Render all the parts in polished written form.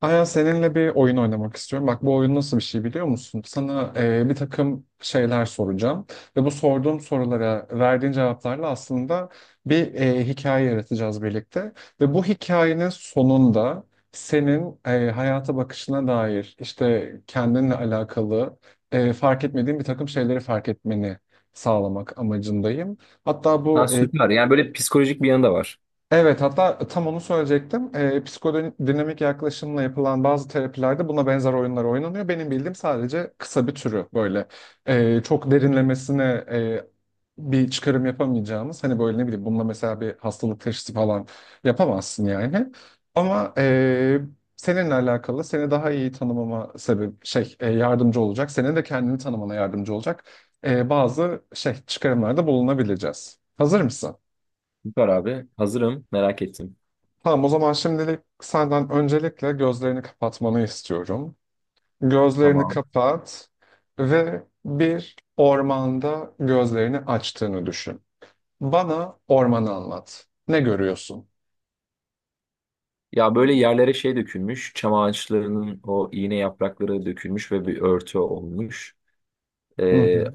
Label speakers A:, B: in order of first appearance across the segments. A: Aya seninle bir oyun oynamak istiyorum. Bak bu oyun nasıl bir şey biliyor musun? Sana bir takım şeyler soracağım ve bu sorduğum sorulara verdiğin cevaplarla aslında bir hikaye yaratacağız birlikte. Ve bu hikayenin sonunda senin hayata bakışına dair işte kendinle alakalı fark etmediğin bir takım şeyleri fark etmeni sağlamak amacındayım. Hatta
B: Ha,
A: bu
B: süper. Yani böyle psikolojik bir yanı da var.
A: Evet, hatta tam onu söyleyecektim. Psikodinamik yaklaşımla yapılan bazı terapilerde buna benzer oyunlar oynanıyor. Benim bildiğim sadece kısa bir türü böyle. Çok derinlemesine e, bir çıkarım yapamayacağımız. Hani böyle ne bileyim bununla mesela bir hastalık teşhisi falan yapamazsın yani. Ama seninle alakalı seni daha iyi tanımama yardımcı olacak. Senin de kendini tanımana yardımcı olacak. Bazı çıkarımlarda bulunabileceğiz. Hazır mısın?
B: Süper abi. Hazırım. Merak ettim.
A: Tamam, o zaman şimdilik senden öncelikle gözlerini kapatmanı istiyorum. Gözlerini
B: Tamam.
A: kapat ve bir ormanda gözlerini açtığını düşün. Bana ormanı anlat. Ne görüyorsun?
B: Ya böyle yerlere şey dökülmüş. Çam ağaçlarının o iğne yaprakları dökülmüş ve bir örtü olmuş.
A: Hı
B: Ee,
A: hı.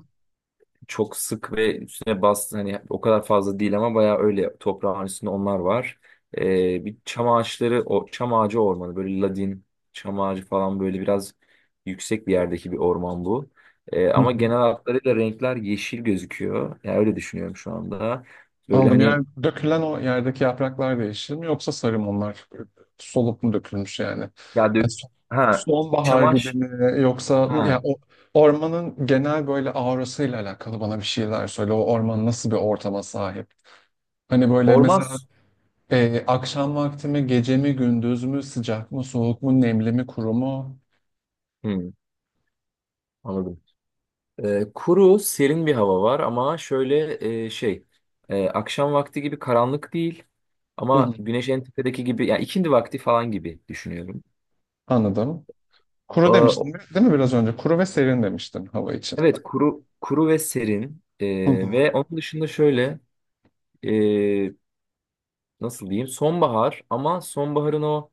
B: Çok sık ve üstüne bastı hani o kadar fazla değil ama bayağı öyle toprağın üstünde onlar var. Bir çam ağaçları o çam ağacı ormanı böyle ladin çam ağacı falan böyle biraz yüksek bir yerdeki bir orman bu.
A: Hı
B: Ama
A: hı.
B: genel hatlarıyla renkler yeşil gözüküyor. Yani öyle düşünüyorum şu anda. Böyle
A: Anladım.
B: hani
A: Yani dökülen o yerdeki yapraklar değişir mi yoksa sarı mı onlar? Solup mu dökülmüş yani?
B: ya
A: Yani
B: dök ha
A: sonbahar gibi
B: çamaş
A: mi yoksa yani
B: ha
A: o ormanın genel böyle aurasıyla alakalı bana bir şeyler söyle. O orman nasıl bir ortama sahip? Hani böyle
B: orman
A: mesela
B: su-
A: akşam vakti mi, gece mi, gündüz mü, sıcak mı, soğuk mu, nemli mi, kuru mu?
B: Hı, anladım. Kuru serin bir hava var ama şöyle e, şey akşam vakti gibi karanlık değil.
A: Hı hı.
B: Ama güneş en tepedeki gibi yani ikindi vakti falan gibi düşünüyorum.
A: Anladım.
B: Ee,
A: Kuru demiştin
B: o-
A: değil mi biraz önce? Kuru ve serin demiştin hava için.
B: evet, kuru ve serin.
A: Hı hı.
B: Ve onun dışında şöyle, ee, nasıl diyeyim, sonbahar ama sonbaharın o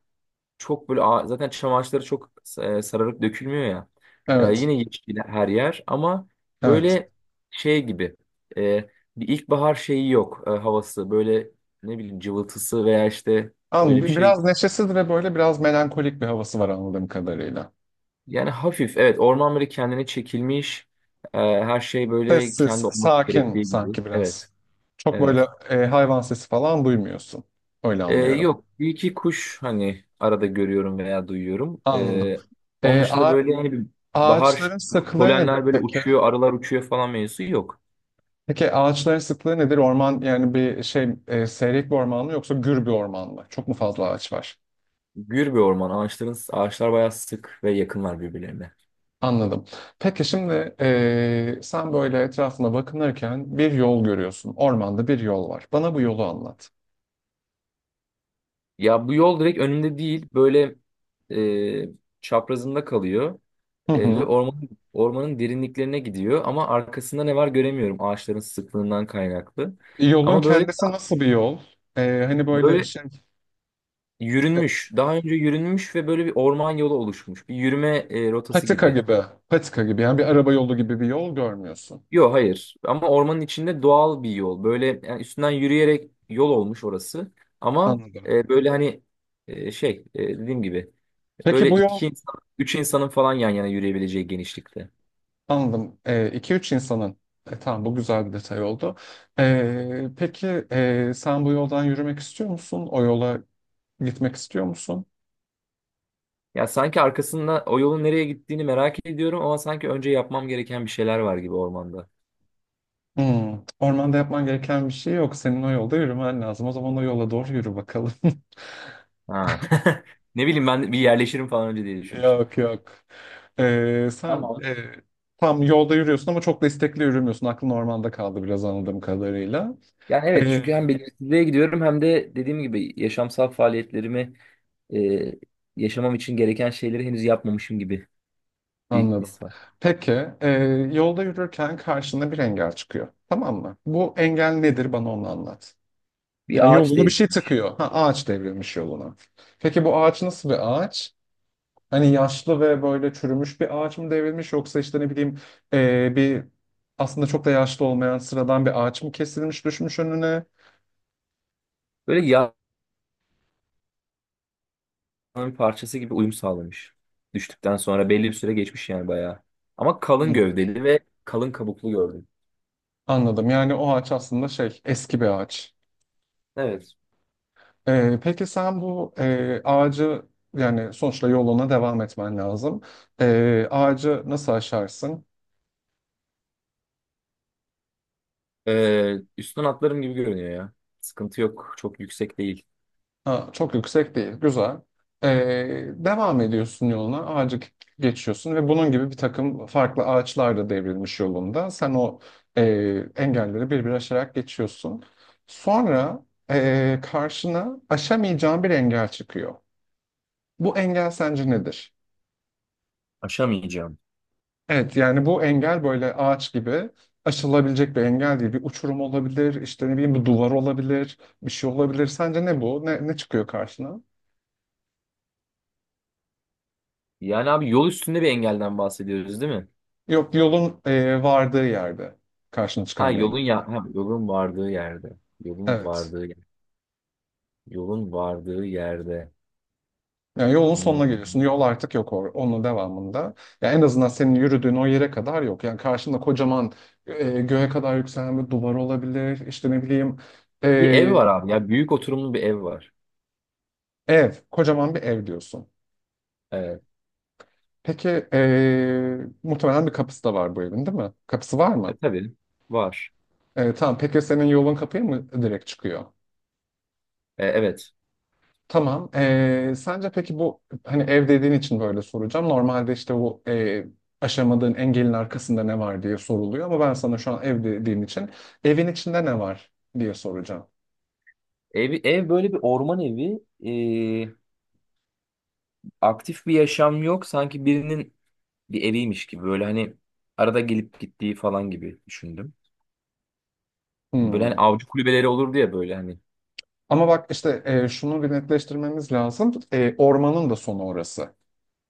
B: çok böyle zaten çam ağaçları çok sararıp dökülmüyor ya.
A: Evet,
B: Yine yeşil her yer ama
A: evet.
B: böyle şey gibi, ee, bir ilkbahar şeyi yok, havası böyle, ne bileyim, cıvıltısı veya işte, öyle bir
A: Anladım.
B: şey.
A: Biraz neşesiz ve böyle biraz melankolik bir havası var anladığım kadarıyla.
B: Yani hafif, evet, orman böyle kendine çekilmiş. Her şey böyle
A: Sessiz,
B: kendi olması
A: sakin
B: gerektiği gibi.
A: sanki
B: Evet,
A: biraz. Çok böyle
B: evet.
A: hayvan sesi falan duymuyorsun. Öyle anlıyorum.
B: Yok, bir iki kuş hani arada görüyorum veya duyuyorum.
A: Anladım.
B: Onun
A: E,
B: dışında
A: a-
B: böyle hani bir bahar
A: Ağaçların sıklığı nedir
B: polenler böyle
A: peki?
B: uçuyor, arılar uçuyor falan mevzusu yok.
A: Peki ağaçların sıklığı nedir? Orman yani seyrek bir orman mı yoksa gür bir orman mı? Çok mu fazla ağaç var?
B: Gür bir orman, ağaçlar bayağı sık ve yakınlar birbirlerine.
A: Anladım. Peki şimdi sen böyle etrafına bakınırken bir yol görüyorsun. Ormanda bir yol var. Bana bu yolu anlat.
B: Ya bu yol direkt önünde değil, böyle e, çaprazında kalıyor.
A: Hı
B: Ve
A: hı.
B: ormanın derinliklerine gidiyor ama arkasında ne var göremiyorum, ağaçların sıklığından kaynaklı.
A: Yolun
B: Ama böyle,
A: kendisi nasıl bir yol? Hani böyle
B: böyle
A: e,
B: yürünmüş, daha önce yürünmüş ve böyle bir orman yolu oluşmuş. Bir yürüme rotası
A: patika
B: gibi.
A: gibi, yani bir araba yolu gibi bir yol görmüyorsun.
B: Yok, hayır, ama ormanın içinde doğal bir yol. Böyle yani üstünden yürüyerek yol olmuş orası. Ama
A: Anladım.
B: e, böyle hani e, şey e, Dediğim gibi,
A: Peki
B: böyle
A: bu yol
B: iki insan, üç insanın falan yan yana yürüyebileceği genişlikte.
A: Anladım. 2-3 insanın. Tamam, bu güzel bir detay oldu. Peki, sen bu yoldan yürümek istiyor musun? O yola gitmek istiyor musun?
B: Ya sanki arkasında o yolun nereye gittiğini merak ediyorum ama sanki önce yapmam gereken bir şeyler var gibi ormanda.
A: Ormanda yapman gereken bir şey yok. Senin o yolda yürümen lazım. O zaman o yola doğru yürü bakalım.
B: Ha. Ne bileyim, ben bir yerleşirim falan önce diye düşünmüştüm.
A: Yok yok. Sen
B: Tamam.
A: tam yolda yürüyorsun ama çok da istekli yürümüyorsun. Aklın ormanda kaldı biraz anladığım kadarıyla.
B: Yani evet,
A: Ee,
B: çünkü hem belirsizliğe gidiyorum hem de dediğim gibi yaşamsal faaliyetlerimi, e, yaşamam için gereken şeyleri henüz yapmamışım gibi bir
A: Anladım.
B: his var.
A: Peki, e, yolda yürürken karşına bir engel çıkıyor. Tamam mı? Bu engel nedir? Bana onu anlat.
B: Bir
A: Yani
B: ağaç
A: yolunu bir
B: değil.
A: şey tıkıyor. Ha, ağaç devrilmiş yoluna. Peki bu ağaç nasıl bir ağaç? Hani yaşlı ve böyle çürümüş bir ağaç mı devrilmiş yoksa işte ne bileyim e, bir aslında çok da yaşlı olmayan sıradan bir ağaç mı kesilmiş düşmüş önüne?
B: Böyle yağın bir parçası gibi uyum sağlamış. Düştükten sonra belli bir süre geçmiş yani bayağı. Ama kalın
A: Hmm.
B: gövdeli ve kalın kabuklu gördüm.
A: Anladım. Yani o ağaç aslında eski bir ağaç.
B: Evet.
A: Peki sen bu ağacı, yani sonuçta yoluna devam etmen lazım. Ağacı nasıl aşarsın?
B: Üstten atlarım gibi görünüyor ya. Sıkıntı yok. Çok yüksek değil.
A: Ha, çok yüksek değil, güzel. Devam ediyorsun yoluna, ağacı geçiyorsun ve bunun gibi bir takım farklı ağaçlar da devrilmiş yolunda. Sen o e, engelleri bir bir aşarak geçiyorsun. Sonra karşına aşamayacağın bir engel çıkıyor. Bu engel sence nedir?
B: Aşamayacağım.
A: Evet yani bu engel böyle ağaç gibi aşılabilecek bir engel değil. Bir uçurum olabilir, işte ne bileyim bir duvar olabilir, bir şey olabilir. Sence ne bu? Ne çıkıyor karşına?
B: Yani abi, yol üstünde bir engelden bahsediyoruz değil mi?
A: Yok, yolun vardığı yerde karşına
B: Ha
A: çıkan bir
B: yolun,
A: engel.
B: ya ha, yolun vardığı yerde. Yolun
A: Evet.
B: vardığı yer- Yolun vardığı yerde.
A: Yani yolun
B: Hmm.
A: sonuna geliyorsun. Yol artık yok onun devamında. Yani en azından senin yürüdüğün o yere kadar yok. Yani karşında kocaman, göğe kadar yükselen bir duvar olabilir. İşte ne bileyim,
B: Bir ev
A: e,
B: var abi ya. Büyük oturumlu bir ev var.
A: ev, kocaman bir ev diyorsun.
B: Evet.
A: Peki muhtemelen bir kapısı da var bu evin değil mi? Kapısı var
B: E,
A: mı?
B: tabii var.
A: Tamam, peki senin yolun kapıya mı direkt çıkıyor?
B: E, evet.
A: Tamam. Sence peki, bu, hani ev dediğin için böyle soracağım. Normalde işte bu aşamadığın engelin arkasında ne var diye soruluyor ama ben sana şu an ev dediğim için evin içinde ne var diye soracağım.
B: Ev, böyle bir orman evi. E, aktif bir yaşam yok. Sanki birinin bir eviymiş gibi. Böyle hani arada gelip gittiği falan gibi düşündüm. Böyle hani
A: Hmm.
B: avcı kulübeleri olurdu ya böyle hani.
A: Ama bak işte, şunu bir netleştirmemiz lazım. Ormanın da sonu orası.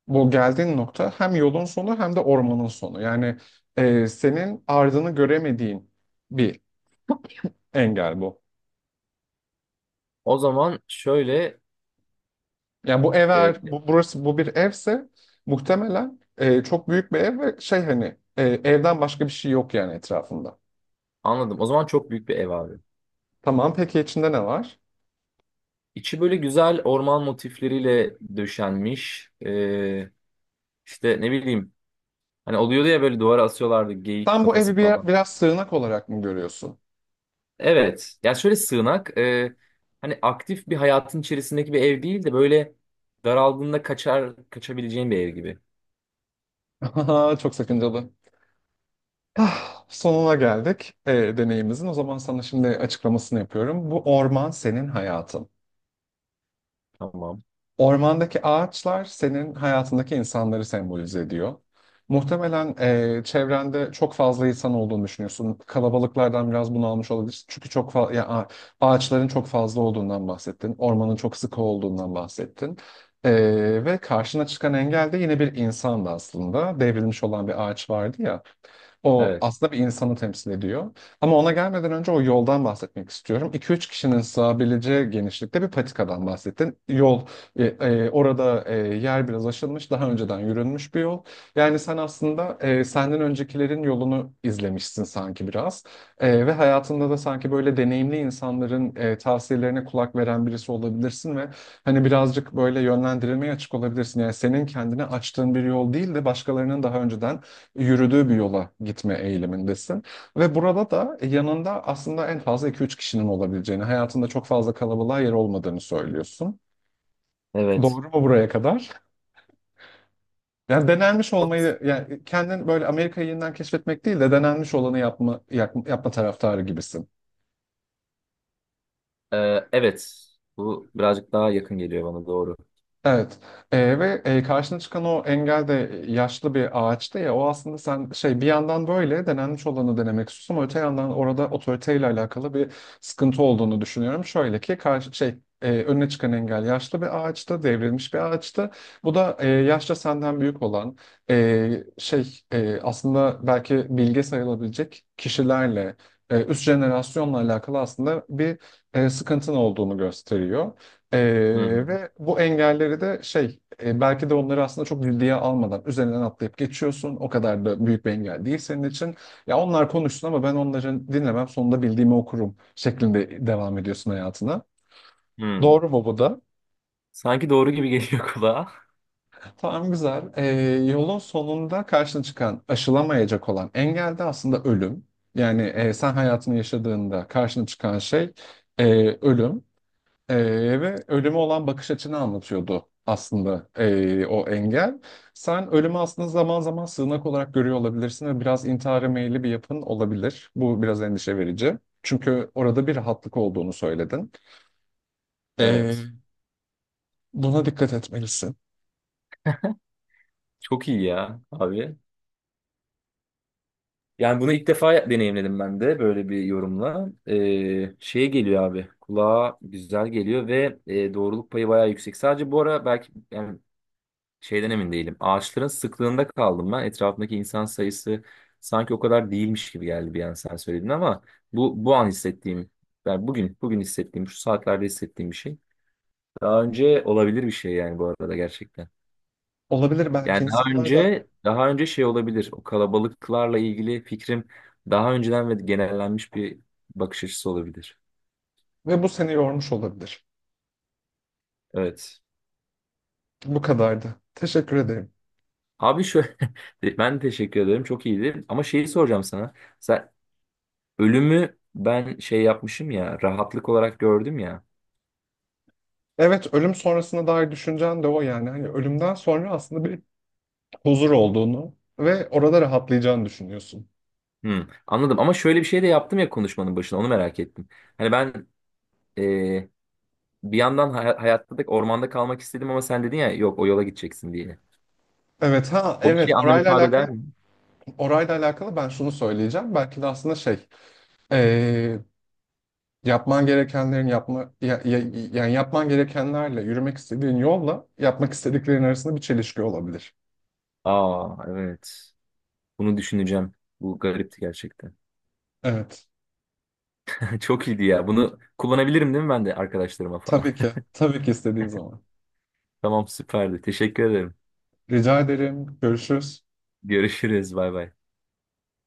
A: Bu geldiğin nokta hem yolun sonu hem de ormanın sonu. Yani senin ardını göremediğin bir engel bu.
B: O zaman şöyle
A: Yani bu ev
B: e,
A: eğer bu bir evse muhtemelen çok büyük bir ev ve hani evden başka bir şey yok yani etrafında.
B: Anladım. O zaman çok büyük bir ev abi.
A: Tamam peki içinde ne var?
B: İçi böyle güzel orman motifleriyle döşenmiş. E, işte ne bileyim, hani oluyordu ya böyle, duvara asıyorlardı geyik
A: Sen bu evi
B: kafası falan.
A: biraz sığınak olarak mı görüyorsun?
B: Evet. Ya şöyle sığınak, hani aktif bir hayatın içerisindeki bir ev değil de böyle daraldığında kaçar kaçabileceğin bir ev gibi.
A: Çok sakıncalı. Ah, sonuna geldik, deneyimizin. O zaman sana şimdi açıklamasını yapıyorum. Bu orman senin hayatın.
B: Tamam.
A: Ormandaki ağaçlar senin hayatındaki insanları sembolize ediyor. Muhtemelen çevrende çok fazla insan olduğunu düşünüyorsun. Kalabalıklardan biraz bunalmış olabilirsin. Çünkü çok fa- ya, a- ağaçların çok fazla olduğundan bahsettin. Ormanın çok sıkı olduğundan bahsettin. E, Ve karşına çıkan engel de yine bir insandı aslında. Devrilmiş olan bir ağaç vardı ya. O
B: Evet.
A: aslında bir insanı temsil ediyor. Ama ona gelmeden önce o yoldan bahsetmek istiyorum. 2 üç kişinin sığabileceği genişlikte bir patikadan bahsettin. Yol, orada yer biraz aşılmış, daha önceden yürünmüş bir yol. Yani sen aslında senden öncekilerin yolunu izlemişsin sanki biraz. Ve hayatında da sanki böyle deneyimli insanların tavsiyelerine kulak veren birisi olabilirsin ve hani birazcık böyle yönlendirilmeye açık olabilirsin. Yani senin kendine açtığın bir yol değil de başkalarının daha önceden yürüdüğü bir yola gitme eğilimindesin. Ve burada da yanında aslında en fazla iki üç kişinin olabileceğini, hayatında çok fazla kalabalığa yer olmadığını söylüyorsun.
B: Evet.
A: Doğru mu buraya kadar? Yani denenmiş olmayı, yani kendin böyle Amerika'yı yeniden keşfetmek değil de denenmiş olanı yapma, yapma taraftarı gibisin.
B: E, evet. Bu birazcık daha yakın geliyor bana doğru.
A: Evet. Ve karşına çıkan o engel de yaşlı bir ağaçtı ya. O aslında sen, bir yandan böyle denenmiş olanı denemek istiyorsun ama öte yandan orada otoriteyle alakalı bir sıkıntı olduğunu düşünüyorum. Şöyle ki önüne çıkan engel yaşlı bir ağaçtı, devrilmiş bir ağaçtı. Bu da yaşça senden büyük olan, aslında belki bilge sayılabilecek kişilerle, üst jenerasyonla alakalı aslında bir sıkıntın olduğunu gösteriyor.
B: Hı hı.
A: Ve bu engelleri de belki de onları aslında çok ciddiye almadan üzerinden atlayıp geçiyorsun. O kadar da büyük bir engel değil senin için. Ya onlar konuşsun ama ben onları dinlemem, sonunda bildiğimi okurum şeklinde devam ediyorsun hayatına.
B: Hı.
A: Doğru mu bu da?
B: Sanki doğru gibi geliyor kulağa.
A: Tamam, güzel. Yolun sonunda karşına çıkan aşılamayacak olan engel de aslında ölüm. Yani sen hayatını yaşadığında karşına çıkan şey, e, ölüm. Ee, Ve ölüme olan bakış açını anlatıyordu aslında, o engel. Sen ölümü aslında zaman zaman sığınak olarak görüyor olabilirsin ve biraz intihara meyilli bir yapın olabilir. Bu biraz endişe verici. Çünkü orada bir rahatlık olduğunu söyledin. Ee,
B: Evet.
A: Buna dikkat etmelisin.
B: Çok iyi ya abi. Yani bunu ilk defa deneyimledim ben de böyle bir yorumla. E, şeye geliyor abi. Kulağa güzel geliyor ve doğruluk payı bayağı yüksek. Sadece bu ara belki yani, şeyden emin değilim. Ağaçların sıklığında kaldım ben. Etrafındaki insan sayısı sanki o kadar değilmiş gibi geldi bir an sen söyledin ama bu an hissettiğim, yani bugün hissettiğim, şu saatlerde hissettiğim bir şey. Daha önce olabilir bir şey yani, bu arada gerçekten.
A: Olabilir, belki
B: Yani
A: insanlarda
B: daha önce şey olabilir. O kalabalıklarla ilgili fikrim daha önceden ve genellenmiş bir bakış açısı olabilir.
A: ve bu seni yormuş olabilir.
B: Evet.
A: Bu kadardı. Teşekkür ederim.
B: Abi şöyle, ben teşekkür ederim. Çok iyiydi. Ama şeyi soracağım sana. Sen, ölümü ben şey yapmışım ya, rahatlık olarak gördüm ya.
A: Evet, ölüm sonrasına dair düşüncen de o yani. Hani ölümden sonra aslında bir huzur olduğunu ve orada rahatlayacağını düşünüyorsun.
B: Hmm, anladım, ama şöyle bir şey de yaptım ya, konuşmanın başına onu merak ettim. Hani ben, e, bir yandan hayatta da ormanda kalmak istedim ama sen dedin ya yok, o yola gideceksin diye.
A: Evet ha
B: O bir
A: evet,
B: şey anlam
A: orayla
B: ifade
A: alakalı
B: eder mi?
A: orayla alakalı ben şunu söyleyeceğim. Belki de aslında şey eee, yapman gerekenlerin yapma ya- ya- yani yapman gerekenlerle yürümek istediğin yolla yapmak istediklerin arasında bir çelişki olabilir.
B: Aa evet. Bunu düşüneceğim. Bu garipti gerçekten.
A: Evet.
B: Çok iyiydi ya. Bunu kullanabilirim değil mi, ben de arkadaşlarıma falan?
A: Tabii ki. Tabii ki istediğin zaman.
B: Tamam, süperdi. Teşekkür ederim.
A: Rica ederim. Görüşürüz.
B: Görüşürüz. Bay bay.